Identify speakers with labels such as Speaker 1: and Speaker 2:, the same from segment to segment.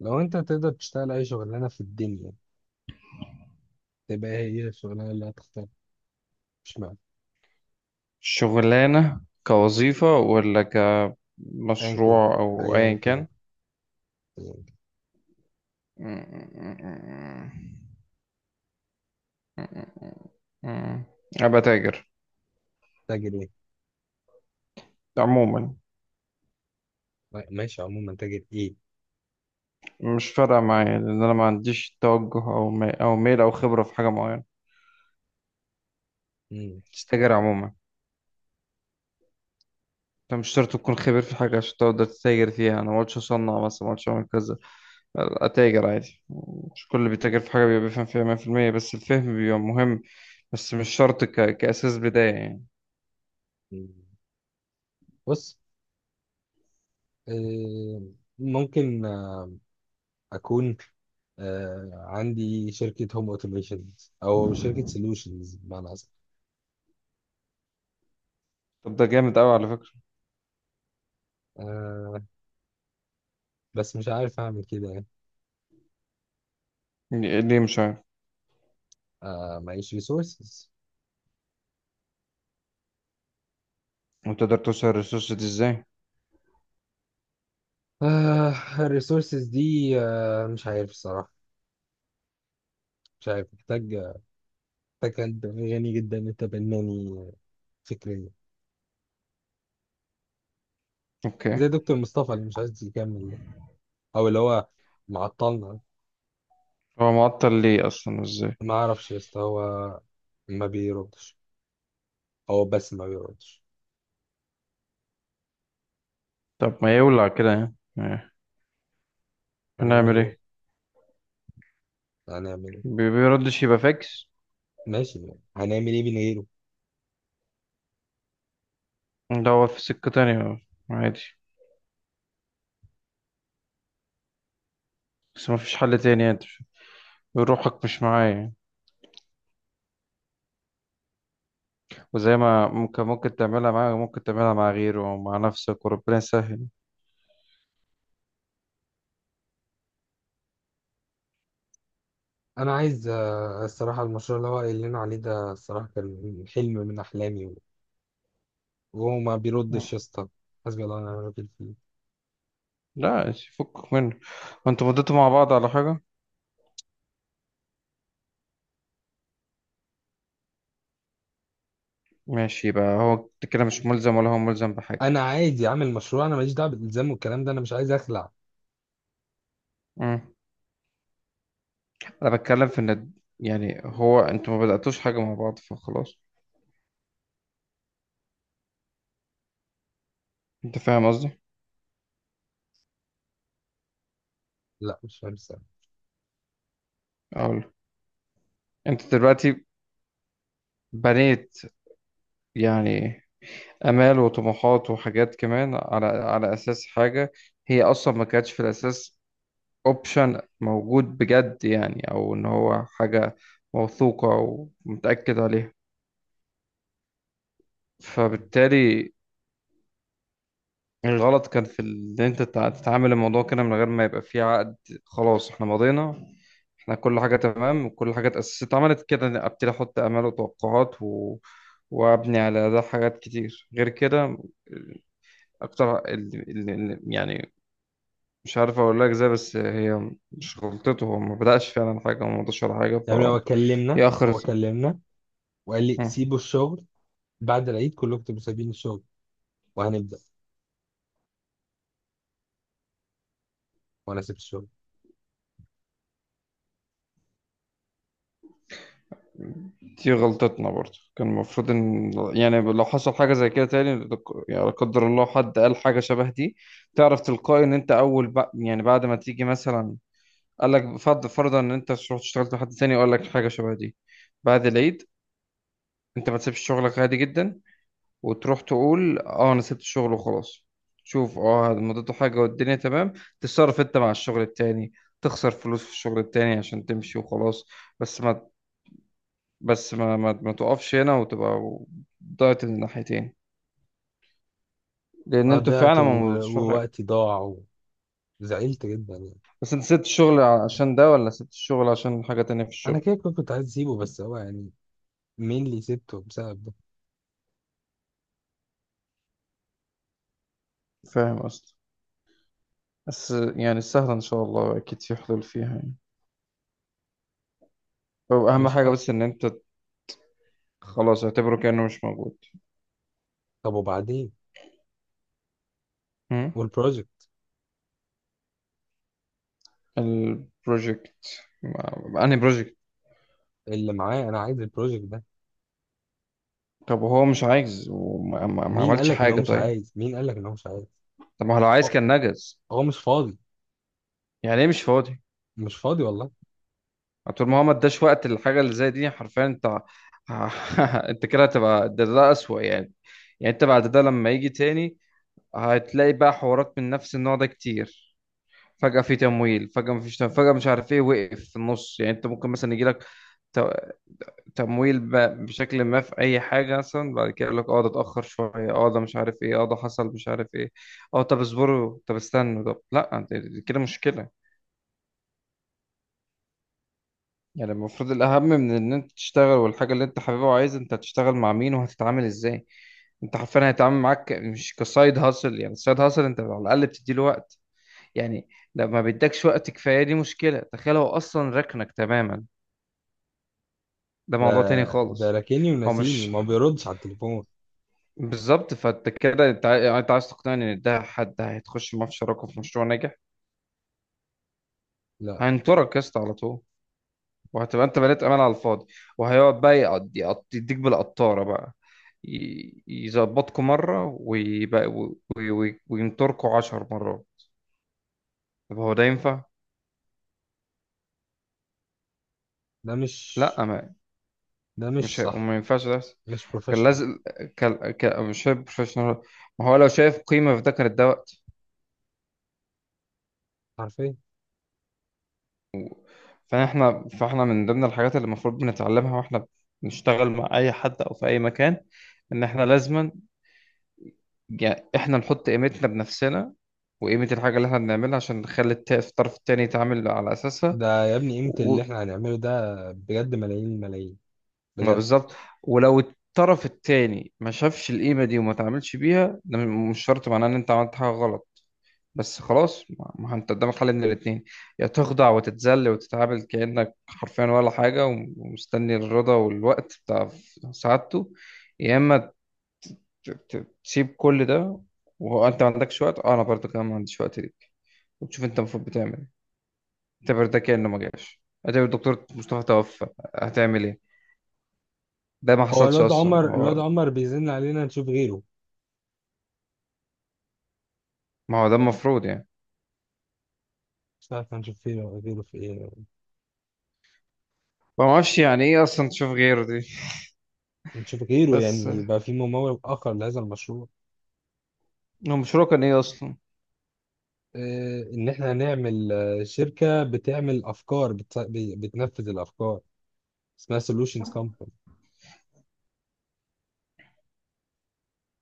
Speaker 1: لو انت تقدر تشتغل اي شغلانه في الدنيا تبقى هي الشغلانه اللي هتختار. مش معنى.
Speaker 2: شغلانة كوظيفة ولا
Speaker 1: ايا كان
Speaker 2: كمشروع أو أيا
Speaker 1: ايا كان
Speaker 2: كان.
Speaker 1: أياً كان.
Speaker 2: أبقى تاجر
Speaker 1: تاجر ايه؟
Speaker 2: عموما.
Speaker 1: ماشي، عموما تاجر ايه؟
Speaker 2: مش فارقة معايا لأن أنا ما عنديش توجه أو ميل أو خبرة في حاجة معينة.
Speaker 1: مم.
Speaker 2: تستاجر عموما. أنت مش شرط تكون خبير في حاجة عشان تقدر تتاجر فيها، أنا ما قلتش أصنع مثلا، ما قلتش أعمل كذا، أتاجر عادي. مش كل اللي بيتاجر في حاجة بيبقى بيفهم فيها 100%، بس الفهم بيبقى مهم، بس مش شرط كأساس بداية يعني.
Speaker 1: مم. بص، آه، ممكن، اكون، عندي شركه هوم اوتوميشن، او شركه سولوشنز بمعنى اصح.
Speaker 2: طب ده جامد قوي على فكرة.
Speaker 1: آه، بس مش عارف اعمل كده يعني.
Speaker 2: ليه مش عارف؟
Speaker 1: معيش ريسورسز.
Speaker 2: وتقدر توصل الريسورس دي ازاي؟
Speaker 1: آه الريسورسز دي. مش عارف الصراحه. مش عارف، محتاج. فكان غني جدا متبناني فكريا،
Speaker 2: اوكي.
Speaker 1: زي دكتور مصطفى اللي مش عايز يكمل ده. او اللي هو معطلنا.
Speaker 2: هو معطل ليه اصلا، ازاي؟
Speaker 1: ما اعرفش يا اسطى، هو ما بيردش. هو بس ما بيردش.
Speaker 2: طب ما يولع كده يعني. إيه.
Speaker 1: هنعمل
Speaker 2: هنعمل
Speaker 1: ايه؟
Speaker 2: ايه؟
Speaker 1: هنعمل ايه؟
Speaker 2: بيردش يبقى فاكس.
Speaker 1: ماشي يعني. هنعمل ايه من غيره؟
Speaker 2: ده هو في سكة تانية، عادي، بس ما فيش حل تاني يعني، روحك مش معايا يعني. وزي ما ممكن تعملها معاه، ممكن تعملها مع غيره او مع نفسك وربنا يسهل.
Speaker 1: انا عايز، الصراحه، المشروع اللي هو قايل لنا عليه ده الصراحه كان حلم من احلامي. وهو ما بيردش يا اسطى، حسبي الله ونعم الوكيل فيه.
Speaker 2: لا، فكك منه. وانتوا مضيتوا مع بعض على حاجة؟ ماشي، يبقى هو كده مش ملزم ولا هو ملزم بحاجة.
Speaker 1: انا عادي اعمل مشروع، انا ماليش دعوه بالالزام والكلام ده، انا مش عايز اخلع.
Speaker 2: مم. انا بتكلم في ان، يعني هو انتوا ما بدأتوش حاجة مع بعض فخلاص. انت فاهم قصدي؟
Speaker 1: لا مش فاهم السبب.
Speaker 2: اقول، انت دلوقتي بنيت يعني امال وطموحات وحاجات كمان على اساس حاجة هي اصلا ما كانتش في الاساس اوبشن موجود بجد يعني، او ان هو حاجة موثوقة ومتأكد عليها. فبالتالي الغلط كان ان انت تتعامل الموضوع كده من غير ما يبقى فيه عقد. خلاص، احنا مضينا، احنا كل حاجة تمام وكل حاجة اتأسست اتعملت كده، أنا ابتدي احط امال وتوقعات وابني على ده حاجات كتير غير كده اكتر. يعني مش عارف اقول لك ازاي، بس هي مش غلطته، هو ما بدأش فعلا حاجة وما مضاش ولا حاجة.
Speaker 1: يعني هو
Speaker 2: فيأخر.
Speaker 1: كلمنا، هو كلمنا وقال لي سيبوا الشغل، بعد العيد كلكم تبقوا سايبين الشغل وهنبدأ، وانا سبت الشغل.
Speaker 2: دي غلطتنا برضه، كان المفروض ان، يعني لو حصل حاجه زي كده تاني يعني لا قدر الله حد قال حاجه شبه دي، تعرف تلقائي ان انت اول يعني بعد ما تيجي مثلا قال لك، فرض فرضا ان انت رحت اشتغلت مع حد تاني وقال لك حاجه شبه دي بعد العيد، انت ما تسيبش شغلك عادي جدا وتروح تقول اه انا سبت الشغل وخلاص. شوف اه، مضيته حاجه والدنيا تمام، تتصرف انت مع الشغل التاني، تخسر فلوس في الشغل التاني عشان تمشي وخلاص، بس ما، ما تقفش هنا وتبقى ضاعت الناحيتين، لان انتوا
Speaker 1: ضيعت
Speaker 2: فعلا ما مضيتوش في حاجه.
Speaker 1: ووقتي ضاع وزعلت جدا يعني.
Speaker 2: بس انت سبت الشغل عشان ده ولا سبت الشغل عشان حاجه تانية في
Speaker 1: انا
Speaker 2: الشغل؟
Speaker 1: كده كنت عايز اسيبه، بس هو يعني مين اللي سبته بسبب ده؟
Speaker 2: فاهم قصدي؟ بس يعني سهله ان شاء الله، اكيد في حلول فيها يعني. هو اهم
Speaker 1: مش
Speaker 2: حاجه
Speaker 1: حق.
Speaker 2: بس ان انت خلاص اعتبره كانه مش موجود.
Speaker 1: طب وبعدين؟
Speaker 2: هم؟
Speaker 1: والبروجكت؟
Speaker 2: البروجكت؟ انهي بروجكت؟
Speaker 1: اللي معايا انا عايز البروجكت ده.
Speaker 2: طب وهو مش عايز، وما ما ما
Speaker 1: مين قال
Speaker 2: عملش
Speaker 1: لك ان هو
Speaker 2: حاجه،
Speaker 1: مش
Speaker 2: طيب.
Speaker 1: عايز؟ مين قال لك ان هو مش عايز؟
Speaker 2: طب ما هو لو عايز
Speaker 1: هو
Speaker 2: كان نجز.
Speaker 1: هو مش فاضي.
Speaker 2: يعني ايه مش فاضي؟
Speaker 1: مش فاضي والله.
Speaker 2: طول ما هو ما اداش وقت للحاجه اللي زي دي، حرفيا انت انت كده هتبقى، ده اسوأ يعني. يعني انت بعد ده لما يجي تاني هتلاقي بقى حوارات من نفس النوع ده كتير، فجأة في تمويل، فجأة مفيش تمويل، فجأة مش عارف ايه وقف في النص. يعني انت ممكن مثلا يجيلك ت- تمويل بشكل ما في اي حاجة مثلا، بعد كده يقول لك اه ده اتأخر شوية، اه ده مش عارف ايه، اه ده حصل مش عارف ايه، اه طب اصبروا، طب استنوا، طب لا، دي كده مشكلة. يعني المفروض الأهم من إن أنت تشتغل والحاجة اللي أنت حاببها وعايز، أنت هتشتغل مع مين وهتتعامل إزاي. أنت حرفيا هيتعامل معاك مش كسايد هاسل، يعني السايد هاسل أنت على الأقل بتديله وقت يعني، لو ما بيدكش وقت كفاية دي مشكلة، تخيل هو أصلا ركنك تماما، ده
Speaker 1: ده،
Speaker 2: موضوع تاني
Speaker 1: ده
Speaker 2: خالص.
Speaker 1: راكني
Speaker 2: هو
Speaker 1: وناسيني،
Speaker 2: مش،
Speaker 1: ما بيردش على التليفون.
Speaker 2: بالظبط، فأنت كده أنت يعني أنت عايز تقنعني إن ده حد هيتخش معاه في شراكة في مشروع ناجح؟
Speaker 1: لا،
Speaker 2: هينطرك يا اسطى على طول، وهتبقى انت بنيت امان على الفاضي، وهيقعد بقى يديك بالقطاره بقى، يظبطكوا مره ويبقى وينطركوا 10 مرات. طب هو ده ينفع؟
Speaker 1: ده مش
Speaker 2: لا، ما،
Speaker 1: ده
Speaker 2: مش
Speaker 1: مش
Speaker 2: هي...
Speaker 1: صح.
Speaker 2: ما ينفعش ده يحصل.
Speaker 1: مش
Speaker 2: كان
Speaker 1: بروفيشنال.
Speaker 2: لازم، مش شايف بروفيشنال، ما هو لو شايف قيمه في ده كان ده وقت.
Speaker 1: عارفين.
Speaker 2: فاحنا من ضمن الحاجات اللي المفروض بنتعلمها واحنا بنشتغل مع اي حد او في اي مكان، ان احنا لازما يعني احنا نحط قيمتنا بنفسنا وقيمة الحاجة اللي احنا بنعملها عشان نخلي الطرف التاني يتعامل على أساسها
Speaker 1: ده يا ابني قيمة
Speaker 2: و...
Speaker 1: اللي احنا هنعمله ده بجد ملايين الملايين،
Speaker 2: ما
Speaker 1: بجد.
Speaker 2: بالظبط. ولو الطرف التاني ما شافش القيمة دي وما تعاملش بيها، ده مش شرط معناه إن أنت عملت حاجة غلط. بس خلاص ما ما أنت قدامك حل من الاتنين، يا تخضع وتتذل وتتعامل كأنك حرفيا ولا حاجة، ومستني الرضا والوقت بتاع سعادته، يا إما تسيب كل ده، وأنت ما عندكش وقت، أه أنا برضه كمان ما عنديش وقت ليه، وتشوف انت المفروض بتعمل ايه. اعتبر ده كأنه ما جاش، اعتبر الدكتور مصطفى توفى، هتعمل ايه؟ ده ما
Speaker 1: هو
Speaker 2: حصلش
Speaker 1: الواد
Speaker 2: اصلا
Speaker 1: عمر، الواد
Speaker 2: هو.
Speaker 1: عمر بيزن علينا نشوف غيره.
Speaker 2: ما هو ده المفروض يعني.
Speaker 1: مش عارف، هنشوف غيره، غيره في ايه؟
Speaker 2: ما اعرفش يعني ايه اصلا تشوف غيره دي.
Speaker 1: نشوف غيره
Speaker 2: بس هو
Speaker 1: يعني يبقى في ممول اخر لهذا المشروع.
Speaker 2: المشروع كان ايه اصلا؟
Speaker 1: اه، ان احنا هنعمل شركة بتعمل افكار، بتنفذ الافكار، اسمها solutions company.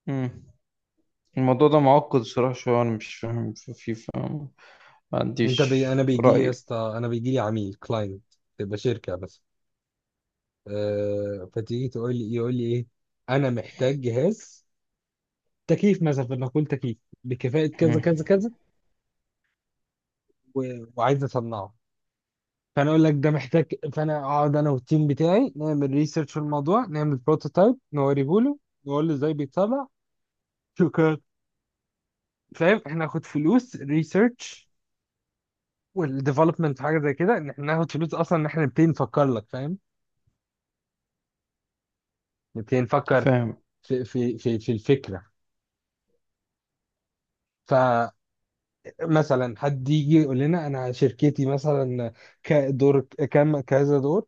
Speaker 2: مم. الموضوع ده معقد صراحة شوية، انا مش فاهم فيه، فاهم، ما
Speaker 1: انا
Speaker 2: عنديش
Speaker 1: بيجي لي يا
Speaker 2: رأي.
Speaker 1: اسطى، انا بيجي لي عميل كلاينت، تبقى شركة بس. اه فتيجي تقول لي، يقول لي ايه؟ انا محتاج جهاز تكييف مثلا، فانا اقول تكييف بكفاءه كذا
Speaker 2: مم.
Speaker 1: كذا كذا و... وعايز اصنعه. فانا اقول لك ده محتاج. فانا اقعد انا والتيم بتاعي نعمل ريسيرش في الموضوع، نعمل بروتوتايب نوريه له، نقول له ازاي بيتصنع، شكرا. فاهم؟ احنا ناخد فلوس ريسيرش والديفلوبمنت، حاجه زي كده، ان احنا ناخد فلوس اصلا ان احنا نبتدي نفكر لك. فاهم؟ نبتدي نفكر
Speaker 2: فاهم.
Speaker 1: في الفكره. فمثلا حد يجي يقول لنا انا شركتي مثلا كدور كام كذا دور،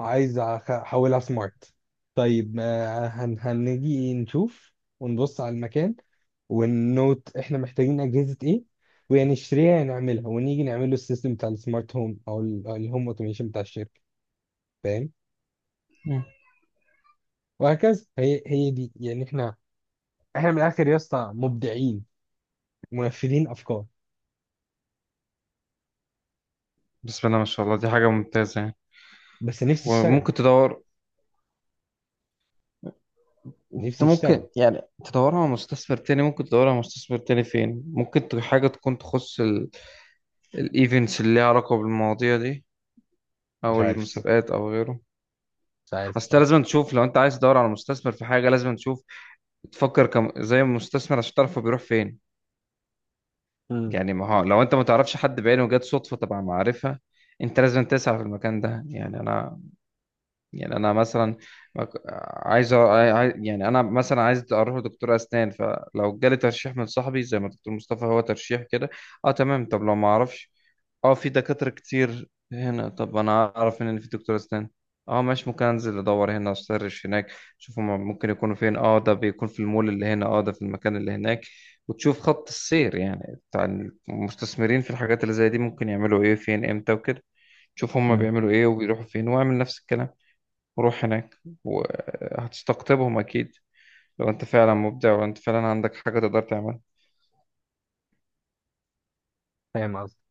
Speaker 1: عايز احولها سمارت. طيب هنيجي نشوف ونبص على المكان، ونوت احنا محتاجين اجهزة ايه وهنشتريها نعملها ونيجي نعمل له السيستم بتاع السمارت هوم أو الهوم اوتوميشن بتاع الشركة. فاهم؟
Speaker 2: مم.
Speaker 1: وهكذا. هي دي يعني، احنا من الاخر يا اسطى مبدعين، منفذين افكار.
Speaker 2: بسم الله ما شاء الله، دي حاجة ممتازة يعني.
Speaker 1: بس نفسي اشتغل.
Speaker 2: وممكن تدور، انت
Speaker 1: نفسي
Speaker 2: ممكن
Speaker 1: اشتغل.
Speaker 2: يعني تدورها على مستثمر تاني، ممكن تدورها على مستثمر تاني فين، ممكن حاجة تكون تخص الايفنتس اللي ليها علاقه بالمواضيع دي،
Speaker 1: مش
Speaker 2: او
Speaker 1: عارف الصراحة.
Speaker 2: المسابقات او غيره.
Speaker 1: مش عارف
Speaker 2: اصل أنت
Speaker 1: الصراحة.
Speaker 2: لازم تشوف، لو انت عايز تدور على مستثمر في حاجه لازم تشوف، تفكر كم زي المستثمر عشان تعرف هو بيروح فين.
Speaker 1: امم.
Speaker 2: يعني ما هو لو انت ما تعرفش حد بعينه وجات صدفه تبع معرفه، انت لازم تسعى في المكان ده يعني. انا يعني، انا مثلا، مك- عايز، يعني انا مثلا عايز اروح لدكتور اسنان، فلو جالي ترشيح من صاحبي زي ما دكتور مصطفى هو ترشيح كده، اه تمام. طب لو ما اعرفش، اه في دكاترة كتير هنا، طب انا اعرف ان في دكتور اسنان، اه ماشي، ممكن انزل ادور هنا، اسيرش هناك، شوف هما ممكن يكونوا فين، اه ده بيكون في المول اللي هنا، اه ده في المكان اللي هناك. وتشوف خط السير يعني بتاع المستثمرين في الحاجات اللي زي دي، ممكن يعملوا ايه فين امتى وكده. شوف هما
Speaker 1: امم.
Speaker 2: بيعملوا ايه وبيروحوا فين واعمل نفس الكلام وروح هناك، وهتستقطبهم اكيد، لو انت فعلا مبدع وانت فعلا عندك حاجة تقدر تعملها.
Speaker 1: فاهم قصدي.